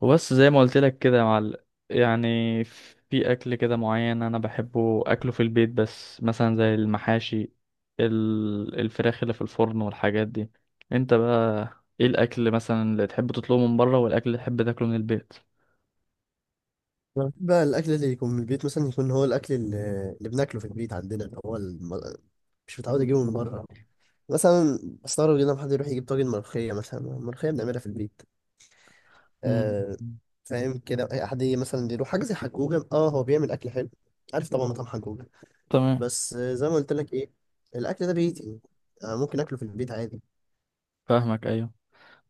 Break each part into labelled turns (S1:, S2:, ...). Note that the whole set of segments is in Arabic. S1: وبس زي ما قلت لك كده يا معلم. يعني في اكل كده معين انا بحبه اكله في البيت، بس مثلا زي المحاشي، الفراخ اللي في الفرن والحاجات دي. انت بقى ايه الاكل مثلا اللي تحب تطلبه من بره والاكل اللي تحب تاكله من البيت؟
S2: أنا بحب بقى الأكل اللي يكون من البيت، مثلا يكون هو الأكل اللي بناكله في البيت عندنا اللي هو مش متعود
S1: مم.
S2: أجيبه من بره. مثلا بستغرب جدا لما حد يروح يجيب طاجن ملوخية، مثلا الملوخية بنعملها في البيت.
S1: مم.
S2: آه. فاهم كده، أي حد يجي مثلا يروح حاجة زي حجوجة، هو بيعمل أكل حلو. عارف طبعا مطعم حجوجة.
S1: تمام.
S2: بس آه، زي ما قلت لك إيه، الأكل ده بيتي. ممكن أكله في البيت عادي.
S1: فاهمك، ايوه.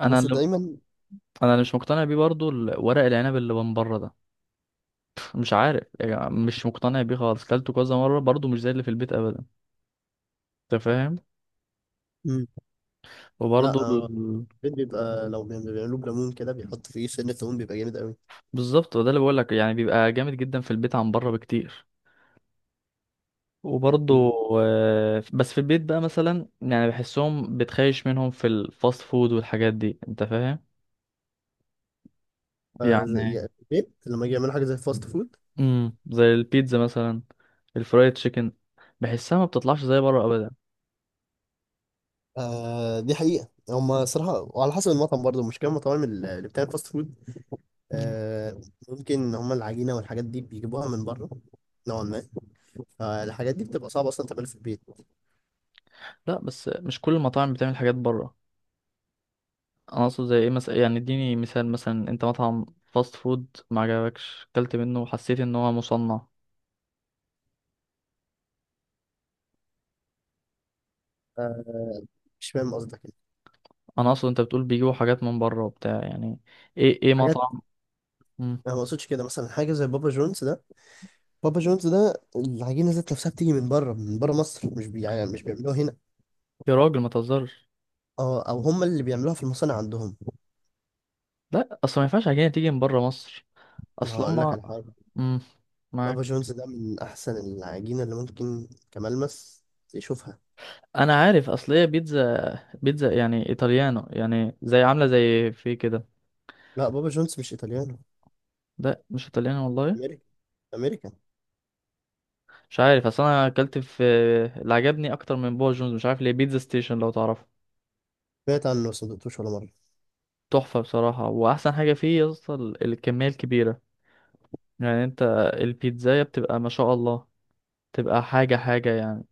S1: انا
S2: بس
S1: اللي
S2: دايما.
S1: انا اللي مش مقتنع بيه برضو ورق العنب اللي من بره ده. مش عارف، يعني مش مقتنع بيه خالص، كلته كذا مره برضو مش زي اللي في البيت ابدا. انت فاهم؟
S2: مم. لا
S1: وبرضو.
S2: آه، البيت بيبقى لو بيعملوه بليمون كده، بيحط فيه سنة ليمون بيبقى جامد أوي.
S1: بالظبط، وده اللي بقول لك، يعني بيبقى جامد جدا في البيت عن بره بكتير. وبرضه آه، بس في البيت بقى مثلا يعني بحسهم بتخيش منهم في الفاست فود والحاجات دي. انت فاهم؟
S2: آه،
S1: يعني
S2: يعني في البيت لما يجي يعملوا حاجه زي فاست فود.
S1: زي البيتزا مثلا، الفرايد تشيكن، بحسها ما بتطلعش زي بره ابدا.
S2: آه، دي حقيقه هم صراحه، وعلى حسب المطعم برضه، مش كام المطاعم اللي بتعمل فاست فود.
S1: مم.
S2: آه، ممكن هم العجينه والحاجات دي بيجيبوها من بره، نوعا ما. فالحاجات دي بتبقى صعبه اصلا تعملها في البيت.
S1: لا بس مش كل المطاعم بتعمل حاجات بره. انا اقصد زي ايه مثلا؟ يعني اديني مثال، مثلا انت مطعم فاست فود ما عجبكش اكلت منه وحسيت ان هو مصنع.
S2: آه، مش فاهم قصدك يعني.
S1: انا اقصد انت بتقول بيجيبوا حاجات من بره وبتاع يعني. ايه
S2: حاجات.
S1: مطعم. مم.
S2: انا ما اقصدش كده، مثلا حاجه زي بابا جونز ده. بابا جونز ده العجينه ذات نفسها بتيجي من بره مصر، مش بي يعني مش بيعملوها هنا.
S1: يا راجل ما تهزرش.
S2: اه، او هم اللي بيعملوها في المصانع عندهم.
S1: لا اصل ما ينفعش عجينه تيجي من بره مصر.
S2: ما
S1: اصل
S2: هقول لك
S1: هما.
S2: على حاجه.
S1: مم. معاك.
S2: بابا جونز ده من احسن العجينه اللي ممكن كملمس يشوفها.
S1: انا عارف اصل هي بيتزا. بيتزا يعني ايطاليانو، يعني زي عامله زي في كده.
S2: لا، بابا جونز مش ايطاليانو.
S1: لا مش ايطاليانو والله.
S2: امريكي، امريكان.
S1: مش عارف، اصل انا اكلت في. اللي عجبني اكتر من بابا جونز، مش عارف ليه، بيتزا ستيشن، لو تعرفه.
S2: سمعت عنه بس ما دقتوش ولا مره.
S1: تحفه بصراحه، واحسن حاجه فيه يا اسطى الكميه الكبيره. يعني انت، البيتزايه بتبقى ما شاء الله، تبقى حاجه حاجه يعني.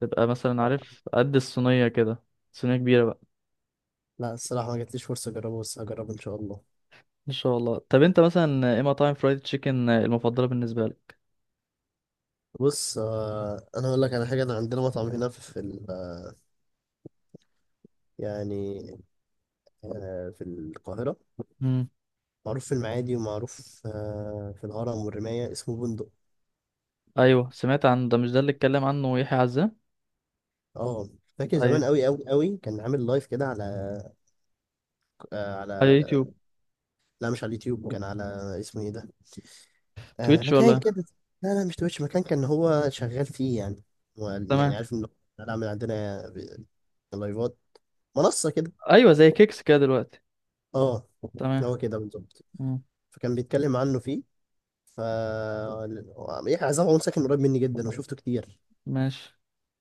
S1: تبقى مثلا،
S2: آه.
S1: عارف، قد الصينيه كده، صينيه كبيره.
S2: لا الصراحه ما جاتليش فرصه اجربه، بس هجربه ان شاء الله.
S1: ان شاء الله. طب انت مثلا ايه مطاعم فرايد تشيكن المفضله بالنسبه لك؟
S2: بص آه، انا اقول لك على حاجه. انا عندنا مطعم هنا في يعني في القاهره.
S1: مم.
S2: معروف في المعادي، ومعروف في الهرم والرمايه، اسمه بندق.
S1: ايوه سمعت عن ده، مش ده اللي اتكلم عنه يحيى عزام؟
S2: اه، فاكر زمان
S1: ايوه.
S2: قوي قوي قوي كان عامل لايف كده على. آه
S1: على
S2: على.
S1: يوتيوب؟
S2: لا مش على اليوتيوب، كان على. اسمه ايه ده؟ آه،
S1: تويتش
S2: مكان
S1: ولا؟
S2: كده. لا لا، مش تويتش، مكان كان هو شغال فيه يعني. هو يعني
S1: تمام.
S2: عارف ان هو شغال، عامل عندنا لايفات، منصة كده.
S1: ايوه زي كيكس كده دلوقتي.
S2: اه،
S1: تمام.
S2: هو كده بالظبط.
S1: مم.
S2: فكان بيتكلم عنه فيه. ف، يحيى عزام عمر ساكن قريب مني جدا، وشفته كتير.
S1: ماشي.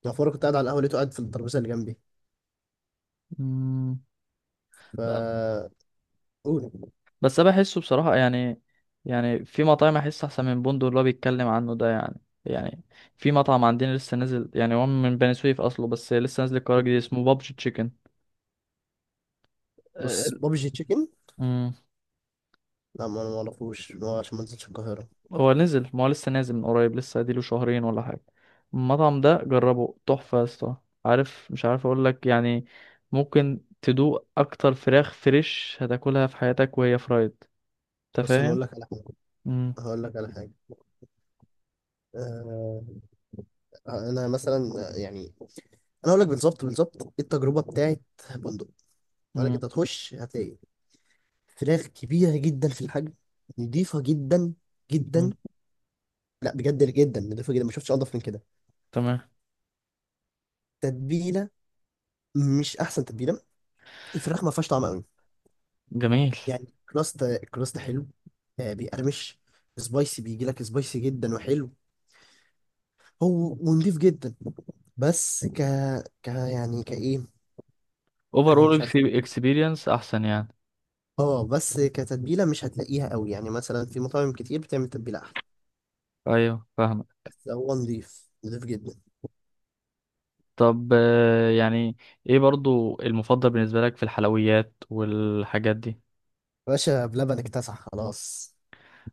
S2: يعني في مرة كنت قاعد على القهوة، لقيته قاعد في الترابيزة اللي جنبي.
S1: مم.
S2: ف.
S1: ب-
S2: قول.
S1: بس انا بحسه بصراحه يعني. يعني في مطاعم احس احسن من بوندو اللي هو بيتكلم عنه ده يعني. يعني في مطعم عندنا لسه نازل، يعني هو من بني سويف اصله، بس لسه نازل القرار جديد، اسمه بابجي
S2: بص
S1: تشيكن.
S2: بابجي تشيكن، لا ما انا ما اعرفوش، ما هو عشان ما نزلتش القاهرة.
S1: هو نزل، ما هو لسه نازل من قريب، لسه اديله شهرين ولا حاجة. المطعم ده جربه، تحفة يا اسطى. عارف، مش عارف اقول لك يعني، ممكن تدوق اكتر فراخ فريش هتاكلها في حياتك وهي فرايد. انت
S2: بص انا
S1: فاهم؟
S2: اقول لك على حاجة.
S1: مم.
S2: هقول لك على حاجة. آه، انا مثلا يعني، انا اقول لك بالظبط بالظبط إيه التجربه بتاعت بندق. اقول لك
S1: مم.
S2: انت هتخش هتلاقي فراخ كبيره جدا في الحجم، نضيفه جدا
S1: مم.
S2: جدا. لا بجد جدا، نضيفه جدا، ما شفتش انضف من كده.
S1: تمام.
S2: تتبيله، مش احسن تتبيله، الفراخ ما فيهاش طعم قوي.
S1: جميل.
S2: يعني كراست كراست حلو. آه، بيقرمش. سبايسي، بيجي لك سبايسي جدا وحلو. هو ونضيف جدا. بس ك ك يعني كايه.
S1: اوفر
S2: آه، مش
S1: اول
S2: عارف.
S1: اكسبيرينس احسن يعني.
S2: اه بس كتتبيله مش هتلاقيها قوي، يعني مثلا في مطاعم كتير بتعمل تتبيله احلى.
S1: ايوه فاهمك.
S2: بس هو نضيف نضيف جدا.
S1: طب آه، يعني ايه برضو المفضل بالنسبه لك في الحلويات والحاجات دي؟
S2: باشا بلبن اكتسح خلاص.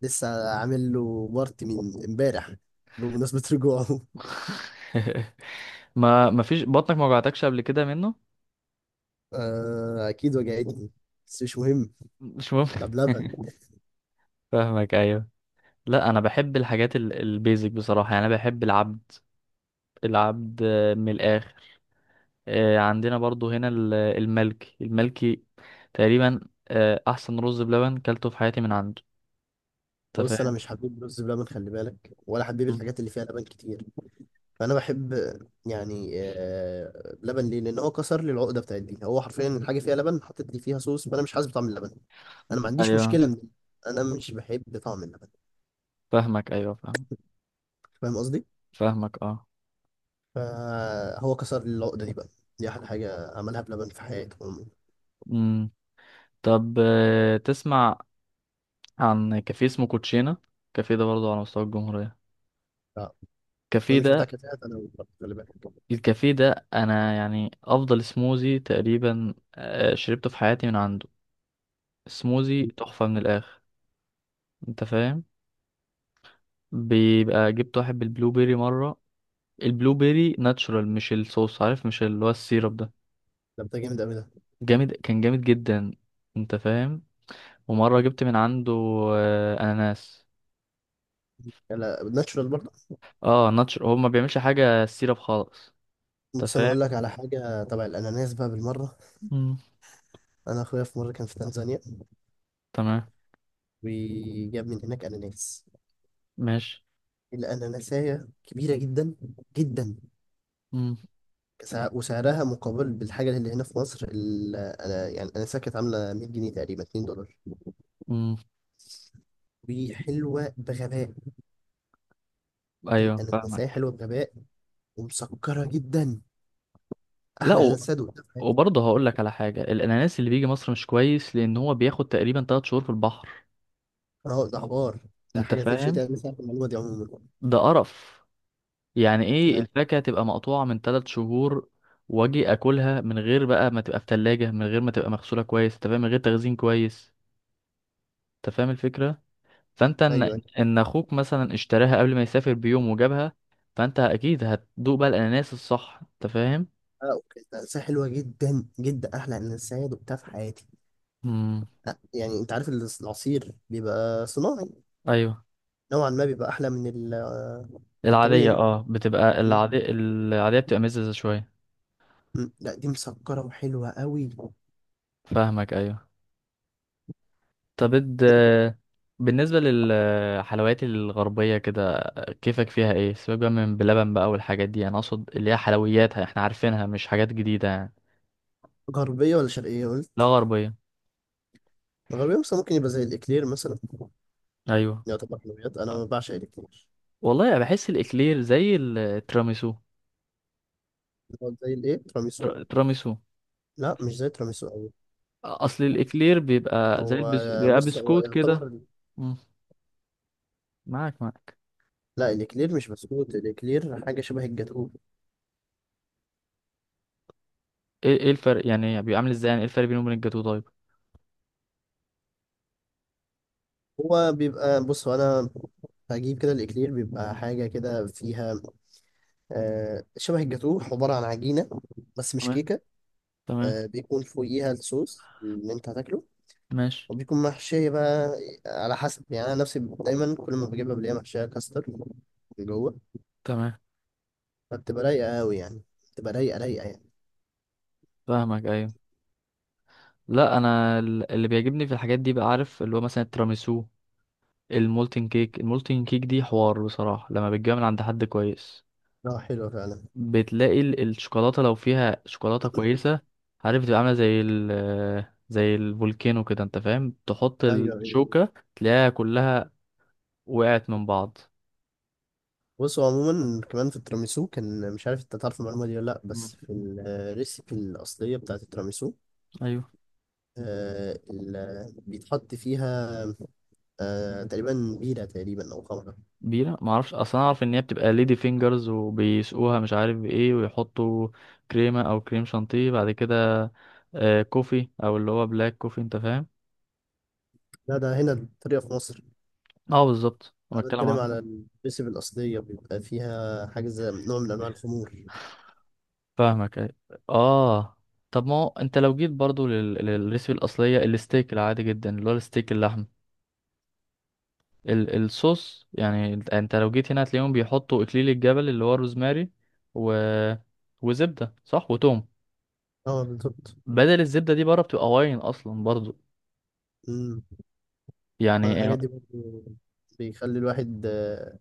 S2: لسه عامل له بارتي من امبارح، بمناسبة رجوعه
S1: ما فيش بطنك ما وجعتكش قبل كده منه؟
S2: آه أكيد وجعتني، بس مش مهم.
S1: مش
S2: ده
S1: ممكن.
S2: بلبن.
S1: فاهمك ايوه. لا انا بحب الحاجات البيزك بصراحه، يعني انا بحب العبد. العبد آه، من الاخر. آه، عندنا برضو هنا الملكي الملكي تقريبا، آه، احسن رز بلبن كلته في حياتي من عنده. انت
S2: بص أنا
S1: فاهم؟
S2: مش حبيب رز بلبن، خلي بالك، ولا حبيب
S1: مم.
S2: الحاجات اللي فيها لبن كتير. فأنا بحب، يعني بلبن ليه؟ لأن هو كسر لي العقدة بتاعت دي. هو حرفيا الحاجة فيها لبن، حطيت لي فيها صوص، فأنا مش حاسس بطعم اللبن. أنا ما عنديش
S1: ايوه
S2: مشكلة من دي. أنا مش بحب طعم اللبن.
S1: فاهمك. ايوه فاهم.
S2: فاهم قصدي؟
S1: فاهمك اه.
S2: فهو كسر العقدة دي بقى. دي أحلى حاجة عملها بلبن في حياته عموما.
S1: امم طب آه، تسمع عن كافيه اسمه كوتشينا؟ كافيه ده برضو على مستوى الجمهوريه.
S2: آه. ما
S1: الكافيه
S2: مش بتاع
S1: ده
S2: كافيهات أنا والله، خلي بالك.
S1: الكافيه ده انا يعني افضل سموزي تقريبا آه، شربته في حياتي من عنده. سموزي تحفة من الاخر. انت فاهم؟ بيبقى جبت واحد بالبلو بيري مرة. البلو بيري ناتشورال، مش الصوص، عارف؟ مش اللي هو السيرب ده.
S2: ده بتاع جامد أوي ده.
S1: جامد، كان جامد جدا. انت فاهم؟ ومرة جبت من عنده اناناس.
S2: لا ناتشورال برضه.
S1: اه ناتشورال، هو ما بيعملش حاجة سيرب خالص. انت
S2: بص أنا
S1: فاهم؟
S2: أقول لك على حاجة تبع الأناناس بقى بالمرة.
S1: مم.
S2: أنا أخويا في مرة كان في تنزانيا،
S1: تمام.
S2: وجاب من هناك أناناس.
S1: ماشي.
S2: الأناناسية كبيرة جدا جدا.
S1: مم.
S2: وسعرها مقابل بالحاجة اللي هنا في مصر، أنا يعني الأناناسية كانت عاملة 100 جنيه تقريبا، 2 دولار.
S1: مم.
S2: وحلوة بغباء.
S1: ايوه
S2: الأناناسية
S1: فاهمك.
S2: حلوة بغباء، ومسكرة جدا.
S1: لا.
S2: احلى انسد وقتها في حياتي.
S1: وبرضه هقول لك على حاجة، الأناناس اللي بيجي مصر مش كويس، لأن هو بياخد تقريبا 3 شهور في البحر.
S2: اه، ده حوار. ده
S1: أنت
S2: حاجه تتشتي،
S1: فاهم؟
S2: انا مش عارف المعلومه دي عموما.
S1: ده قرف. يعني إيه
S2: لا.
S1: الفاكهة تبقى مقطوعة من 3 شهور، وأجي أكلها من غير بقى ما تبقى في تلاجة، من غير ما تبقى مغسولة كويس، أنت فاهم، من غير تخزين كويس. أنت فاهم الفكرة؟ فأنت إن
S2: ايوه ايوه.
S1: إن أخوك مثلا اشتراها قبل ما يسافر بيوم وجابها، فأنت أكيد هتدوق بقى الأناناس الصح. أنت فاهم؟
S2: اه اوكي، ده انسة حلوه جدا جدا، احلى انسد وقتها في حياتي.
S1: امم
S2: يعني انت عارف العصير بيبقى صناعي،
S1: أيوه.
S2: نوعا ما بيبقى احلى من
S1: العادية
S2: الطبيعي.
S1: اه بتبقى
S2: م-
S1: العادية بتبقى مززة شوية.
S2: لا دي مسكره وحلوه قوي.
S1: فاهمك أيوه. طب بالنسبة للحلويات الغربية كده، كيفك فيها؟ ايه؟ سيبك بقى من بلبن بقى والحاجات دي، انا اقصد اللي هي حلوياتها احنا عارفينها، مش حاجات جديدة يعني.
S2: غربيه ولا شرقيه
S1: لا
S2: قلت؟
S1: غربية.
S2: غربيه مثلا، ممكن يبقى زي الاكلير مثلا.
S1: ايوه
S2: يعتبر حلويات، انا ما بعشق الاكلير.
S1: والله، أنا بحس الاكلير زي التراميسو،
S2: هو زي الايه، تراميسو؟
S1: تراميسو.
S2: لا مش زي تراميسو قوي.
S1: اصل الاكلير بيبقى زي
S2: هو
S1: بيبقى
S2: بص هو
S1: بسكوت كده.
S2: يعتبر.
S1: مم، معاك معاك.
S2: لا الاكلير مش بسكوت، الاكلير حاجه شبه الجاتوه.
S1: ايه الفرق يعني؟ بيبقى عامل ازاي يعني؟ ايه الفرق بينه وبين الجاتو طيب؟
S2: هو بيبقى بص هو انا هجيب كده. الاكلير بيبقى حاجه كده فيها آه شبه الجاتوه، عباره عن عجينه بس مش
S1: تمام.
S2: كيكه.
S1: تمام.
S2: آه، بيكون فوقيها الصوص اللي انت هتاكله،
S1: ماشي.
S2: وبيكون محشيه بقى على حسب. يعني انا نفسي دايما كل ما بجيبها بلاقيها محشيه كاستر من جوه.
S1: تمام.
S2: فبتبقى رايقه قوي يعني، بتبقى رايقه رايقه يعني.
S1: فاهمك ايوه. لا انا اللي بيعجبني في الحاجات دي بقى، عارف، اللي هو مثلا التراميسو، المولتن كيك. المولتن كيك دي حوار بصراحة لما بتجيبها من عند حد كويس.
S2: اه حلوه فعلا.
S1: بتلاقي الشوكولاتة لو فيها شوكولاتة كويسة، عارف، بتبقى عاملة زي الفولكانو كده، انت فاهم؟ تحط
S2: ايوه ايوه.
S1: الشوكة تلاقيها كلها وقعت من بعض.
S2: بص هو عموما كمان في التيراميسو، كان مش عارف انت تعرف المعلومه دي ولا لا،
S1: مم.
S2: بس في الريسيبي الاصليه بتاعت التيراميسو،
S1: ايوه،
S2: آه بيتحط فيها آه تقريبا بيرة، تقريبا او خمره.
S1: بيرة، ما اعرفش اصلا، اعرف ان هي بتبقى ليدي فينجرز وبيسقوها مش عارف بايه، ويحطوا كريمة او كريم شانتيه بعد كده، كوفي او اللي هو بلاك كوفي، انت فاهم؟
S2: لا ده هنا الطريقه في مصر.
S1: اه بالظبط، انا
S2: انا
S1: بتكلم
S2: بتكلم
S1: عن.
S2: على الريسيبي الاصليه، بيبقى فيها حاجه زي نوع من انواع الخمور.
S1: فاهمك أيوة. اه. طب ما هو انت لو جيت برضو للريسبي الاصلية، الستيك العادي جدا اللي هو الستيك اللحم، الصوص يعني. انت أنت لو جيت هنا هتلاقيهم بيحطوا اكليل الجبل اللي هو الروزماري، و... وزبدة صح، وتوم.
S2: اه بالظبط.
S1: بدل الزبدة دي بره بتبقى واين اصلا برضو
S2: امم. انا
S1: يعني.
S2: الحاجات دي برضه بيخلي الواحد آه،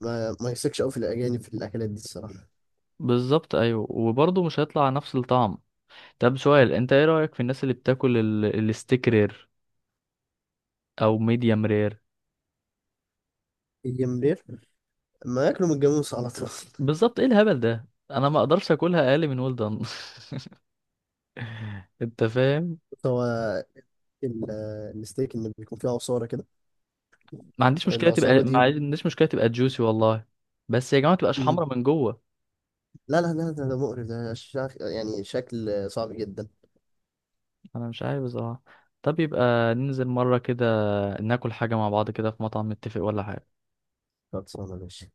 S2: ما يثقش قوي في الاجانب في الاكلات دي الصراحه.
S1: بالظبط، ايوه، وبرضه مش هيطلع نفس الطعم. طب سؤال، انت ايه رأيك في الناس اللي بتاكل الستيك رير او ميديم رير؟
S2: الجمبري، ما ياكلوا من الجاموس على طول.
S1: بالظبط، ايه الهبل ده، انا ما اقدرش اكلها اقل من ويل دان. انت فاهم؟
S2: هو الستيك اللي بيكون فيه عصارة كده،
S1: ما عنديش مشكله تبقى
S2: العصارة
S1: ما
S2: دي.
S1: عنديش مشكله تبقى جوسي والله. بس يا جماعه ما تبقاش
S2: مم.
S1: حمرا من جوه.
S2: لا لا لا، ده مقرف، ده يعني شكل صعب جدا.
S1: انا مش عارف بصراحه. طب يبقى ننزل مره كده ناكل حاجه مع بعض كده في مطعم، نتفق ولا حاجه؟
S2: خلصانة ماشي.